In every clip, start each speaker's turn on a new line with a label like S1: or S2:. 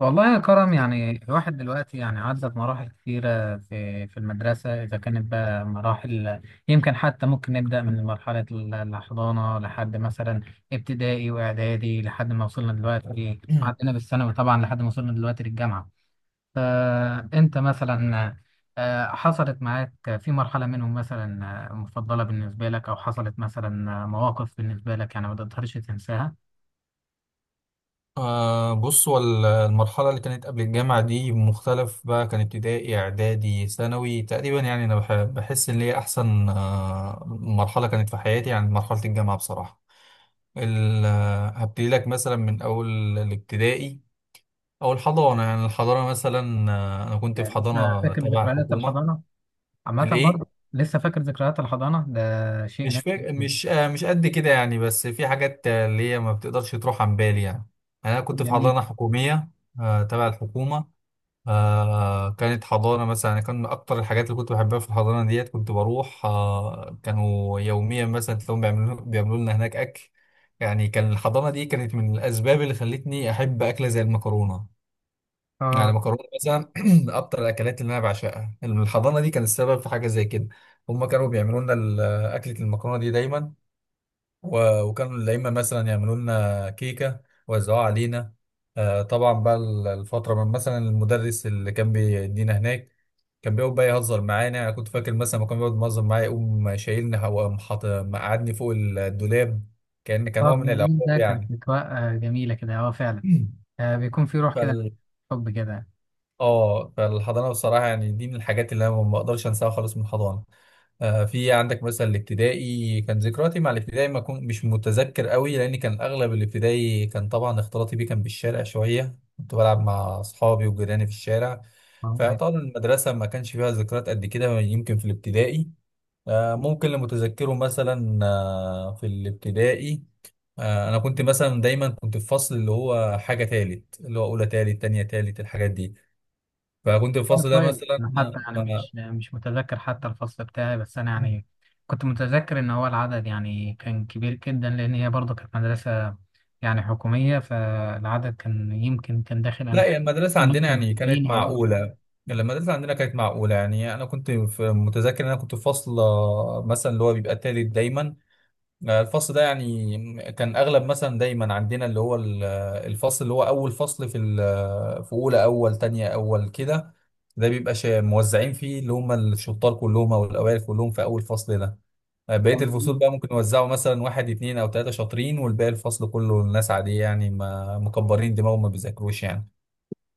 S1: والله يا كرم، يعني الواحد دلوقتي يعني عدى بمراحل كثيرة في المدرسة، إذا كانت بقى مراحل. يمكن حتى ممكن نبدأ من مرحلة الحضانة لحد مثلا ابتدائي وإعدادي، لحد ما وصلنا دلوقتي عدينا بالثانوي، طبعا لحد ما وصلنا دلوقتي للجامعة. فأنت مثلا حصلت معاك في مرحلة منهم مثلا مفضلة بالنسبة لك؟ أو حصلت مثلا مواقف بالنسبة لك يعني ما تقدرش تنساها؟
S2: بص هو المرحلة اللي كانت قبل الجامعة دي مختلف بقى. كان ابتدائي إعدادي ثانوي تقريبا، يعني أنا بحس إن هي أحسن مرحلة كانت في حياتي، يعني مرحلة الجامعة بصراحة. هبتدي لك مثلا من أول الابتدائي أو الحضانة. يعني الحضانة مثلا، أنا كنت في
S1: يعني لسه
S2: حضانة
S1: فاكر
S2: تبع
S1: ذكريات
S2: الحكومة.
S1: الحضانة؟ عامة برضه.
S2: الإيه؟
S1: لسه فاكر ذكريات الحضانة ده شيء
S2: مش
S1: نادر.
S2: فاك... مش آه مش قد كده يعني، بس في حاجات اللي هي ما بتقدرش تروح عن بالي يعني. يعني أنا كنت في
S1: جميل.
S2: حضانة حكومية، تبع الحكومة. كانت حضانة. مثلا أنا كان من أكتر الحاجات اللي كنت بحبها في الحضانة ديت كنت بروح، كانوا يوميا مثلا تلاقيهم بيعملوا لنا هناك أكل. يعني كان الحضانة دي كانت من الأسباب اللي خلتني أحب أكلة زي المكرونة. يعني
S1: اه،
S2: المكرونة مثلا من أكتر الأكلات اللي أنا بعشقها. الحضانة دي كان السبب في حاجة زي كده. هما كانوا بيعملوا لنا أكلة المكرونة دي دايما. وكانوا الأئمة مثلا يعملوا لنا كيكة ويوزعوها علينا. طبعا بقى الفترة من مثلا المدرس اللي كان بيدينا هناك كان بيقعد بقى يهزر معانا. يعني أنا كنت فاكر مثلا ما كان بيقعد يهزر معايا يقوم شايلني، وقام مقعدني فوق الدولاب، كأن كان هو
S1: طب
S2: من
S1: جميل،
S2: العقاب
S1: ده كانت
S2: يعني.
S1: أجواء جميلة كده، اه فعلا. آه، بيكون في روح كده،
S2: فال
S1: حب كده.
S2: اه فالحضانه بصراحه، يعني دي من الحاجات اللي انا ما اقدرش انساها خالص من الحضانه. في عندك مثلا الابتدائي. كان ذكرياتي مع الابتدائي ما كنت مش متذكر قوي، لان كان اغلب الابتدائي كان طبعا اختلاطي بيه كان بالشارع شويه، كنت بلعب مع اصحابي وجيراني في الشارع.
S1: اه طيب.
S2: فطبعا المدرسه ما كانش فيها ذكريات قد كده يمكن في الابتدائي. ممكن اللي متذكره مثلا، في الابتدائي، انا كنت مثلا دايما كنت في فصل اللي هو حاجه تالت، اللي هو اولى تالت، تانية تالت، الحاجات دي. فكنت الفصل ده
S1: كويس.
S2: مثلا
S1: أنا حتى يعني
S2: مع...
S1: مش متذكر حتى الفصل بتاعي، بس أنا يعني كنت متذكر إن هو العدد يعني كان كبير جدا، لأن هي برضه كانت مدرسة يعني حكومية، فالعدد كان يمكن كان داخل. أنا
S2: لا،
S1: فاكر
S2: يعني المدرسة
S1: إن هو
S2: عندنا
S1: كان
S2: يعني كانت
S1: 90 أو أكتر
S2: معقولة. يعني المدرسة عندنا كانت معقولة، يعني أنا كنت متذكر إن أنا كنت في فصل مثلا اللي هو بيبقى تالت دايما. الفصل ده يعني كان أغلب مثلا دايما عندنا اللي هو الفصل اللي هو أول فصل في في أولى، أول تانية، أول كده، ده بيبقى موزعين فيه اللي هم الشطار كلهم أو الأوائل كلهم في أول فصل ده. بقية
S1: أو
S2: الفصول
S1: 80.
S2: بقى ممكن يوزعوا مثلا واحد اتنين أو تلاتة شاطرين، والباقي الفصل كله الناس عادية، يعني ما مكبرين دماغهم ما بيذاكروش يعني.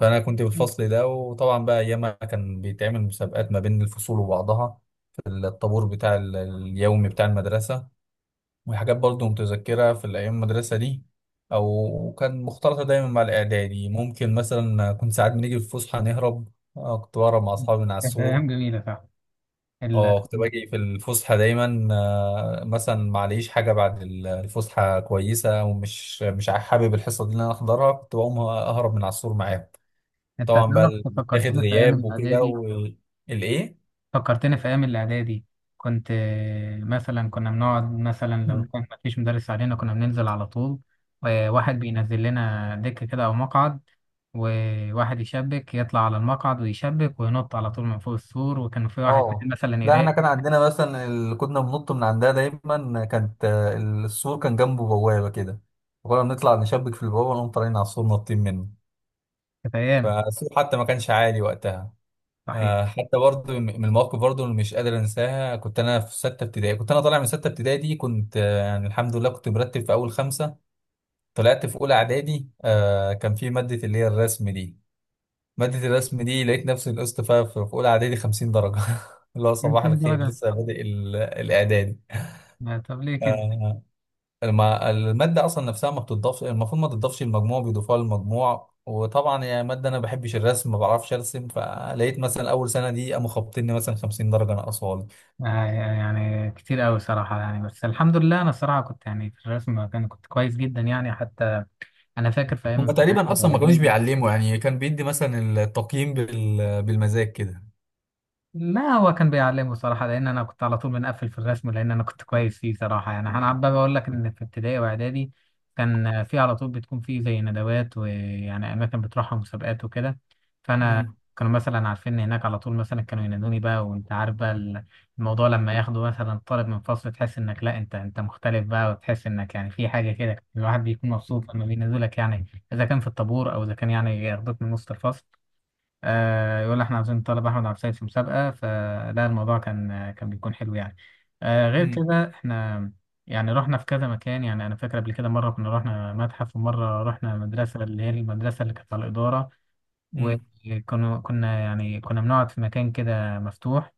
S2: فأنا كنت بالفصل ده، وطبعا بقى أيامها كان بيتعمل مسابقات ما بين الفصول وبعضها في الطابور بتاع اليومي بتاع المدرسة. وحاجات برضو متذكرة في الأيام المدرسة دي، أو كان مختلطة دايما مع الإعدادي. ممكن مثلا كنت ساعات بنيجي في الفسحة نهرب. كنت بهرب مع أصحابي من على
S1: كانت
S2: السور.
S1: أيام جميلة فعلا.
S2: اه، كنت باجي في الفسحة دايما، مثلا معليش حاجة بعد الفسحة كويسة، ومش مش حابب الحصة دي اللي انا احضرها، كنت بقوم اهرب من على السور معاهم.
S1: انت
S2: طبعا بقى
S1: تعرف،
S2: بتاخد
S1: فكرتني في ايام
S2: غياب وكده
S1: الاعدادي،
S2: والايه.
S1: فكرتني في ايام الاعدادي. كنت مثلا كنا بنقعد مثلا لو كان ما فيش مدرس علينا، كنا بننزل على طول، وواحد بينزل لنا دكة كده او مقعد، وواحد يشبك، يطلع على المقعد ويشبك وينط على طول من فوق السور، وكان في واحد تاني
S2: اه،
S1: مثلا
S2: لا احنا كان
S1: يراقب.
S2: عندنا مثلا كنا بننط من عندها دايما. كانت السور كان جنبه بوابة كده، وكنا بنطلع نشبك في البوابة ونقوم طالعين على السور ناطين منه.
S1: كانت ايام.
S2: فالسور حتى ما كانش عالي وقتها.
S1: صحيح.
S2: حتى برضه من المواقف برضه اللي مش قادر انساها، كنت انا في سته ابتدائي. كنت انا طالع من سته ابتدائي دي، كنت يعني الحمد لله كنت مرتب في اول خمسه. طلعت في اولى اعدادي، كان في ماده اللي هي الرسم دي. ماده الرسم دي لقيت نفسي نقصت فيها في اولى اعدادي 50 درجه. اللي هو
S1: كان
S2: صباح
S1: في
S2: الخير
S1: درجة؟
S2: لسه بادئ الاعدادي.
S1: طب ليه كده؟
S2: آه، المادة أصلا نفسها ما بتضافش، المفروض ما تضافش المجموع، بيضيفوها للمجموع. وطبعا يا مادة أنا ما بحبش الرسم، ما بعرفش أرسم، فلقيت مثلا أول سنة دي قاموا خابطيني مثلا 50 درجة ناقصة.
S1: يعني كتير قوي صراحة يعني، بس الحمد لله انا الصراحة كنت يعني في الرسم كان كنت كويس جدا يعني. حتى انا فاكر في ايام
S2: هم
S1: ابتدائي
S2: تقريبا اصلا ما كانوش
S1: واعدادي،
S2: بيعلموا يعني، كان بيدي مثلا التقييم بالمزاج كده.
S1: ما هو كان بيعلمه صراحه، لان انا كنت على طول بنقفل في الرسم، لان انا كنت كويس فيه صراحه يعني. انا عمال بقول لك ان في ابتدائي واعدادي كان في على طول بتكون في زي ندوات، ويعني اماكن بتروحها مسابقات وكده. فانا
S2: لي.
S1: كانوا مثلا عارفين ان هناك، على طول مثلا كانوا ينادوني بقى. وانت عارف بقى الموضوع لما ياخدوا مثلا طالب من فصل، تحس انك لا انت مختلف بقى، وتحس انك يعني في حاجه كده، الواحد بيكون مبسوط
S2: امم.
S1: لما بينادوا لك يعني، اذا كان في الطابور او اذا كان يعني ياخدوك من وسط الفصل. يقول احنا عاوزين نطلب احمد عبد السيد في مسابقه، فلا الموضوع كان بيكون حلو يعني. غير
S2: امم.
S1: كده احنا يعني رحنا في كذا مكان. يعني انا فاكر قبل كده مره كنا رحنا متحف، ومره رحنا مدرسه اللي هي المدرسه اللي كانت على الاداره، وكنا كنا يعني كنا بنقعد في مكان كده مفتوح.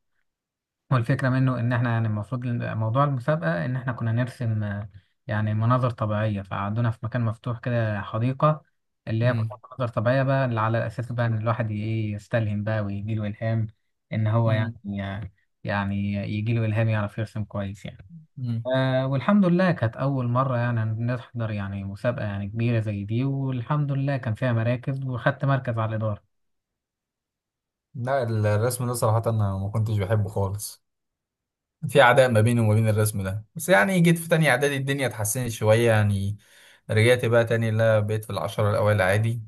S1: هو الفكرة منه إن إحنا يعني المفروض موضوع المسابقة إن إحنا كنا نرسم يعني مناظر طبيعية، فقعدونا في مكان مفتوح كده حديقة، اللي هي
S2: امم.
S1: كلها مناظر طبيعية بقى، اللي على أساس بقى إن الواحد إيه يستلهم بقى ويجيله إلهام. إن هو يعني يعني يجيله إلهام، يعرف يرسم كويس يعني.
S2: امم.
S1: آه والحمد لله كانت أول مرة يعني نحضر يعني مسابقة يعني كبيرة زي دي، والحمد لله كان فيها مراكز وخدت مركز على الإدارة.
S2: لا، الرسم ده صراحة أنا ما كنتش بحبه خالص، في عداء ما بيني وما بين الرسم ده. بس يعني جيت في تانية اعدادي الدنيا اتحسنت شوية يعني. رجعت بقى تاني، لا بقيت في العشرة الاوائل عادي.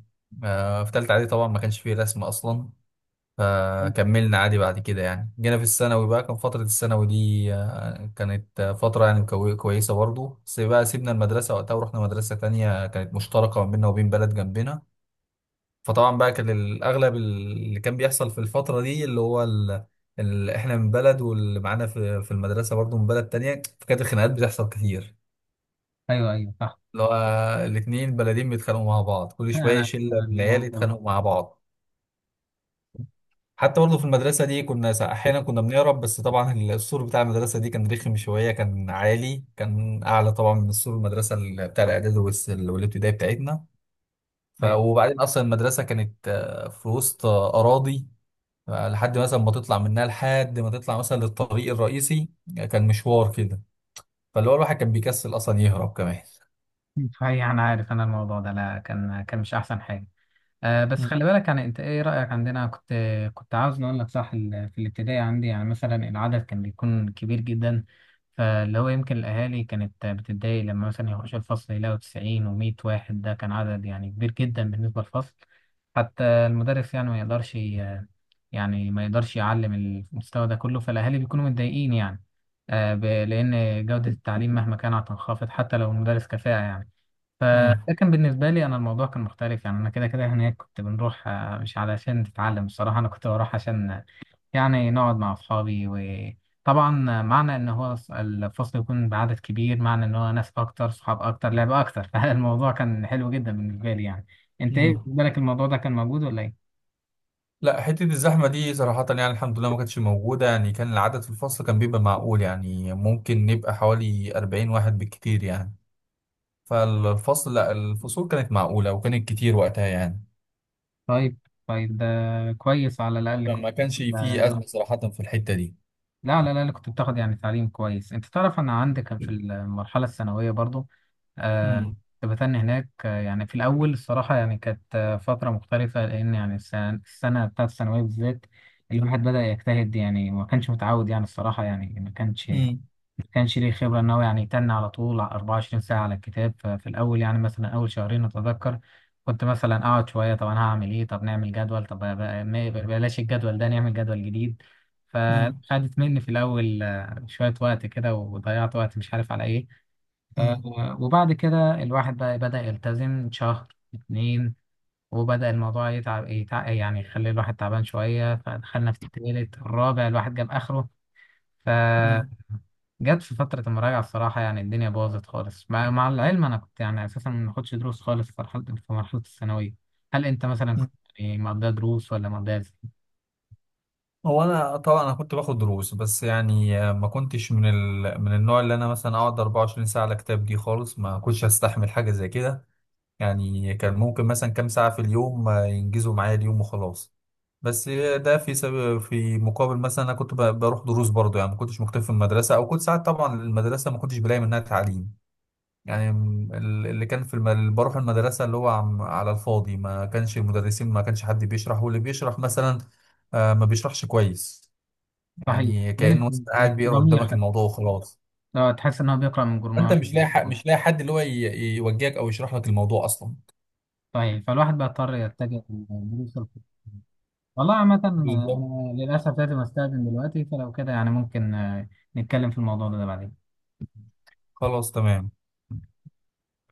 S2: آه، في تالتة اعدادي طبعا ما كانش فيه رسم اصلا، فكملنا عادي بعد كده. يعني جينا في الثانوي بقى، كان فترة الثانوي دي كانت فترة يعني كويسة برضه. بس بقى سيبنا المدرسة وقتها ورحنا مدرسة تانية كانت مشتركة ما بيننا وبين بلد جنبنا. فطبعا بقى كان الاغلب اللي كان بيحصل في الفتره دي اللي هو احنا من بلد، واللي معانا في المدرسه برضو من بلد تانية، فكانت الخناقات بتحصل كتير.
S1: أيوه أيوه، صح.
S2: اللي هو الاتنين بلدين بيتخانقوا مع بعض، كل شويه
S1: أنا
S2: شله من العيال
S1: الموضوع
S2: يتخانقوا مع بعض. حتى برضو في المدرسه دي كنا احيانا كنا بنهرب. بس طبعا السور بتاع المدرسه دي كان رخم شويه، كان عالي، كان اعلى طبعا من سور المدرسه بتاع الاعدادي والابتدائي بتاعتنا.
S1: ده.
S2: وبعدين اصلا المدرسه كانت في وسط اراضي. لحد مثلا ما تطلع منها، لحد ما تطلع مثلا للطريق الرئيسي، كان مشوار كده. فاللي هو الواحد كان بيكسل اصلا يهرب كمان.
S1: صحيح، انا عارف انا الموضوع ده، لا كان مش احسن حاجه. أه، بس
S2: مم.
S1: خلي بالك يعني. انت ايه رايك؟ عندنا كنت عاوز اقول لك، صح في الابتدائي عندي يعني مثلا العدد كان بيكون كبير جدا، فاللي هو يمكن الاهالي كانت بتتضايق لما مثلا يخش الفصل يلاقوا 90 و100 واحد، ده كان عدد يعني كبير جدا بالنسبه للفصل. حتى المدرس يعني ما يقدرش يعني ما يقدرش يعلم المستوى ده كله، فالاهالي بيكونوا متضايقين يعني. أه، لان جوده التعليم مهما كانت هتنخفض، حتى لو المدرس كفاءه يعني.
S2: مم.
S1: فلكن بالنسبة لي أنا الموضوع كان مختلف يعني. أنا كده كده هناك كنت بنروح مش علشان تتعلم الصراحة، أنا كنت بروح عشان يعني نقعد مع أصحابي. وطبعا معنى إن هو الفصل يكون بعدد كبير، معنى إن هو ناس أكتر، صحاب أكتر، لعبة أكتر. فالموضوع كان حلو جدا بالنسبة لي يعني. أنت إيه
S2: مم.
S1: بالنسبة لك الموضوع ده كان موجود ولا إيه؟
S2: لا، حتة الزحمة دي صراحة يعني الحمد لله ما كانتش موجودة. يعني كان العدد في الفصل كان بيبقى معقول، يعني ممكن نبقى حوالي 40 واحد بالكتير يعني. لا، الفصول كانت معقولة وكانت كتير وقتها يعني.
S1: طيب. طيب، ده كويس، على الأقل كنت
S2: فما كانش
S1: بتاخد-
S2: فيه أزمة صراحة في الحتة دي.
S1: لا على الأقل كنت بتاخد يعني تعليم كويس. أنت تعرف، أنا عندي كان في
S2: مم.
S1: المرحلة الثانوية برضو، آه،
S2: مم.
S1: كنت بتني هناك. يعني في الأول الصراحة يعني كانت فترة مختلفة، لأن يعني السنة بتاعت الثانوية بالذات الواحد بدأ يجتهد يعني، وما كانش متعود يعني الصراحة يعني، ما كانش ليه خبرة إن هو يعني يتني على طول على 24 ساعة على الكتاب. ففي الأول يعني مثلا أول شهرين أتذكر كنت مثلا أقعد شوية، طب أنا هعمل إيه، طب نعمل جدول، طب بلاش الجدول ده، نعمل جدول جديد.
S2: مم.
S1: فخدت مني في الأول شوية وقت كده، وضيعت وقت مش عارف على إيه. آه،
S2: مم.
S1: وبعد كده الواحد بقى بدأ يلتزم شهر اتنين، وبدأ الموضوع يتعب يعني يخلي الواحد تعبان شوية. فدخلنا في التالت الرابع الواحد جاب آخره، فجت في فترة المراجعة الصراحة يعني الدنيا باظت خالص، مع العلم أنا كنت يعني أساسا ما باخدش دروس خالص في مرحلة الثانوية. هل أنت مثلا
S2: مم.
S1: كنت يعني مقضيها دروس ولا مقضيها إزاي؟
S2: هو انا طبعا كنت باخد دروس. بس يعني ما كنتش من من النوع اللي انا مثلا اقعد 24 ساعه على كتاب دي خالص، ما كنتش هستحمل حاجه زي كده. يعني كان ممكن مثلا كام ساعه في اليوم، ينجزوا معايا اليوم وخلاص. بس ده في في مقابل مثلا انا كنت بروح دروس برضه، يعني ما كنتش مكتفي في المدرسه. او كنت ساعات طبعا المدرسه ما كنتش بلاقي منها تعليم. يعني اللي كان في اللي بروح المدرسه اللي هو على الفاضي، ما كانش المدرسين، ما كانش حد بيشرح، واللي بيشرح مثلا ما بيشرحش كويس.
S1: صحيح،
S2: يعني كأنه بس
S1: يمكن مش
S2: قاعد بيقرا
S1: ضمير
S2: قدامك
S1: حتى.
S2: الموضوع وخلاص.
S1: لو تحس إن هو بيقرأ من
S2: انت
S1: جورنال.
S2: مش لاقي حق، مش لاقي حد اللي هو يوجهك او يشرح لك الموضوع اصلا.
S1: صحيح، فالواحد بقى اضطر يتجه للدروس الخصوصية. والله عامة
S2: بالظبط.
S1: للأسف لازم أستأذن دلوقتي، فلو كده يعني ممكن نتكلم في الموضوع ده بعدين.
S2: خلاص تمام.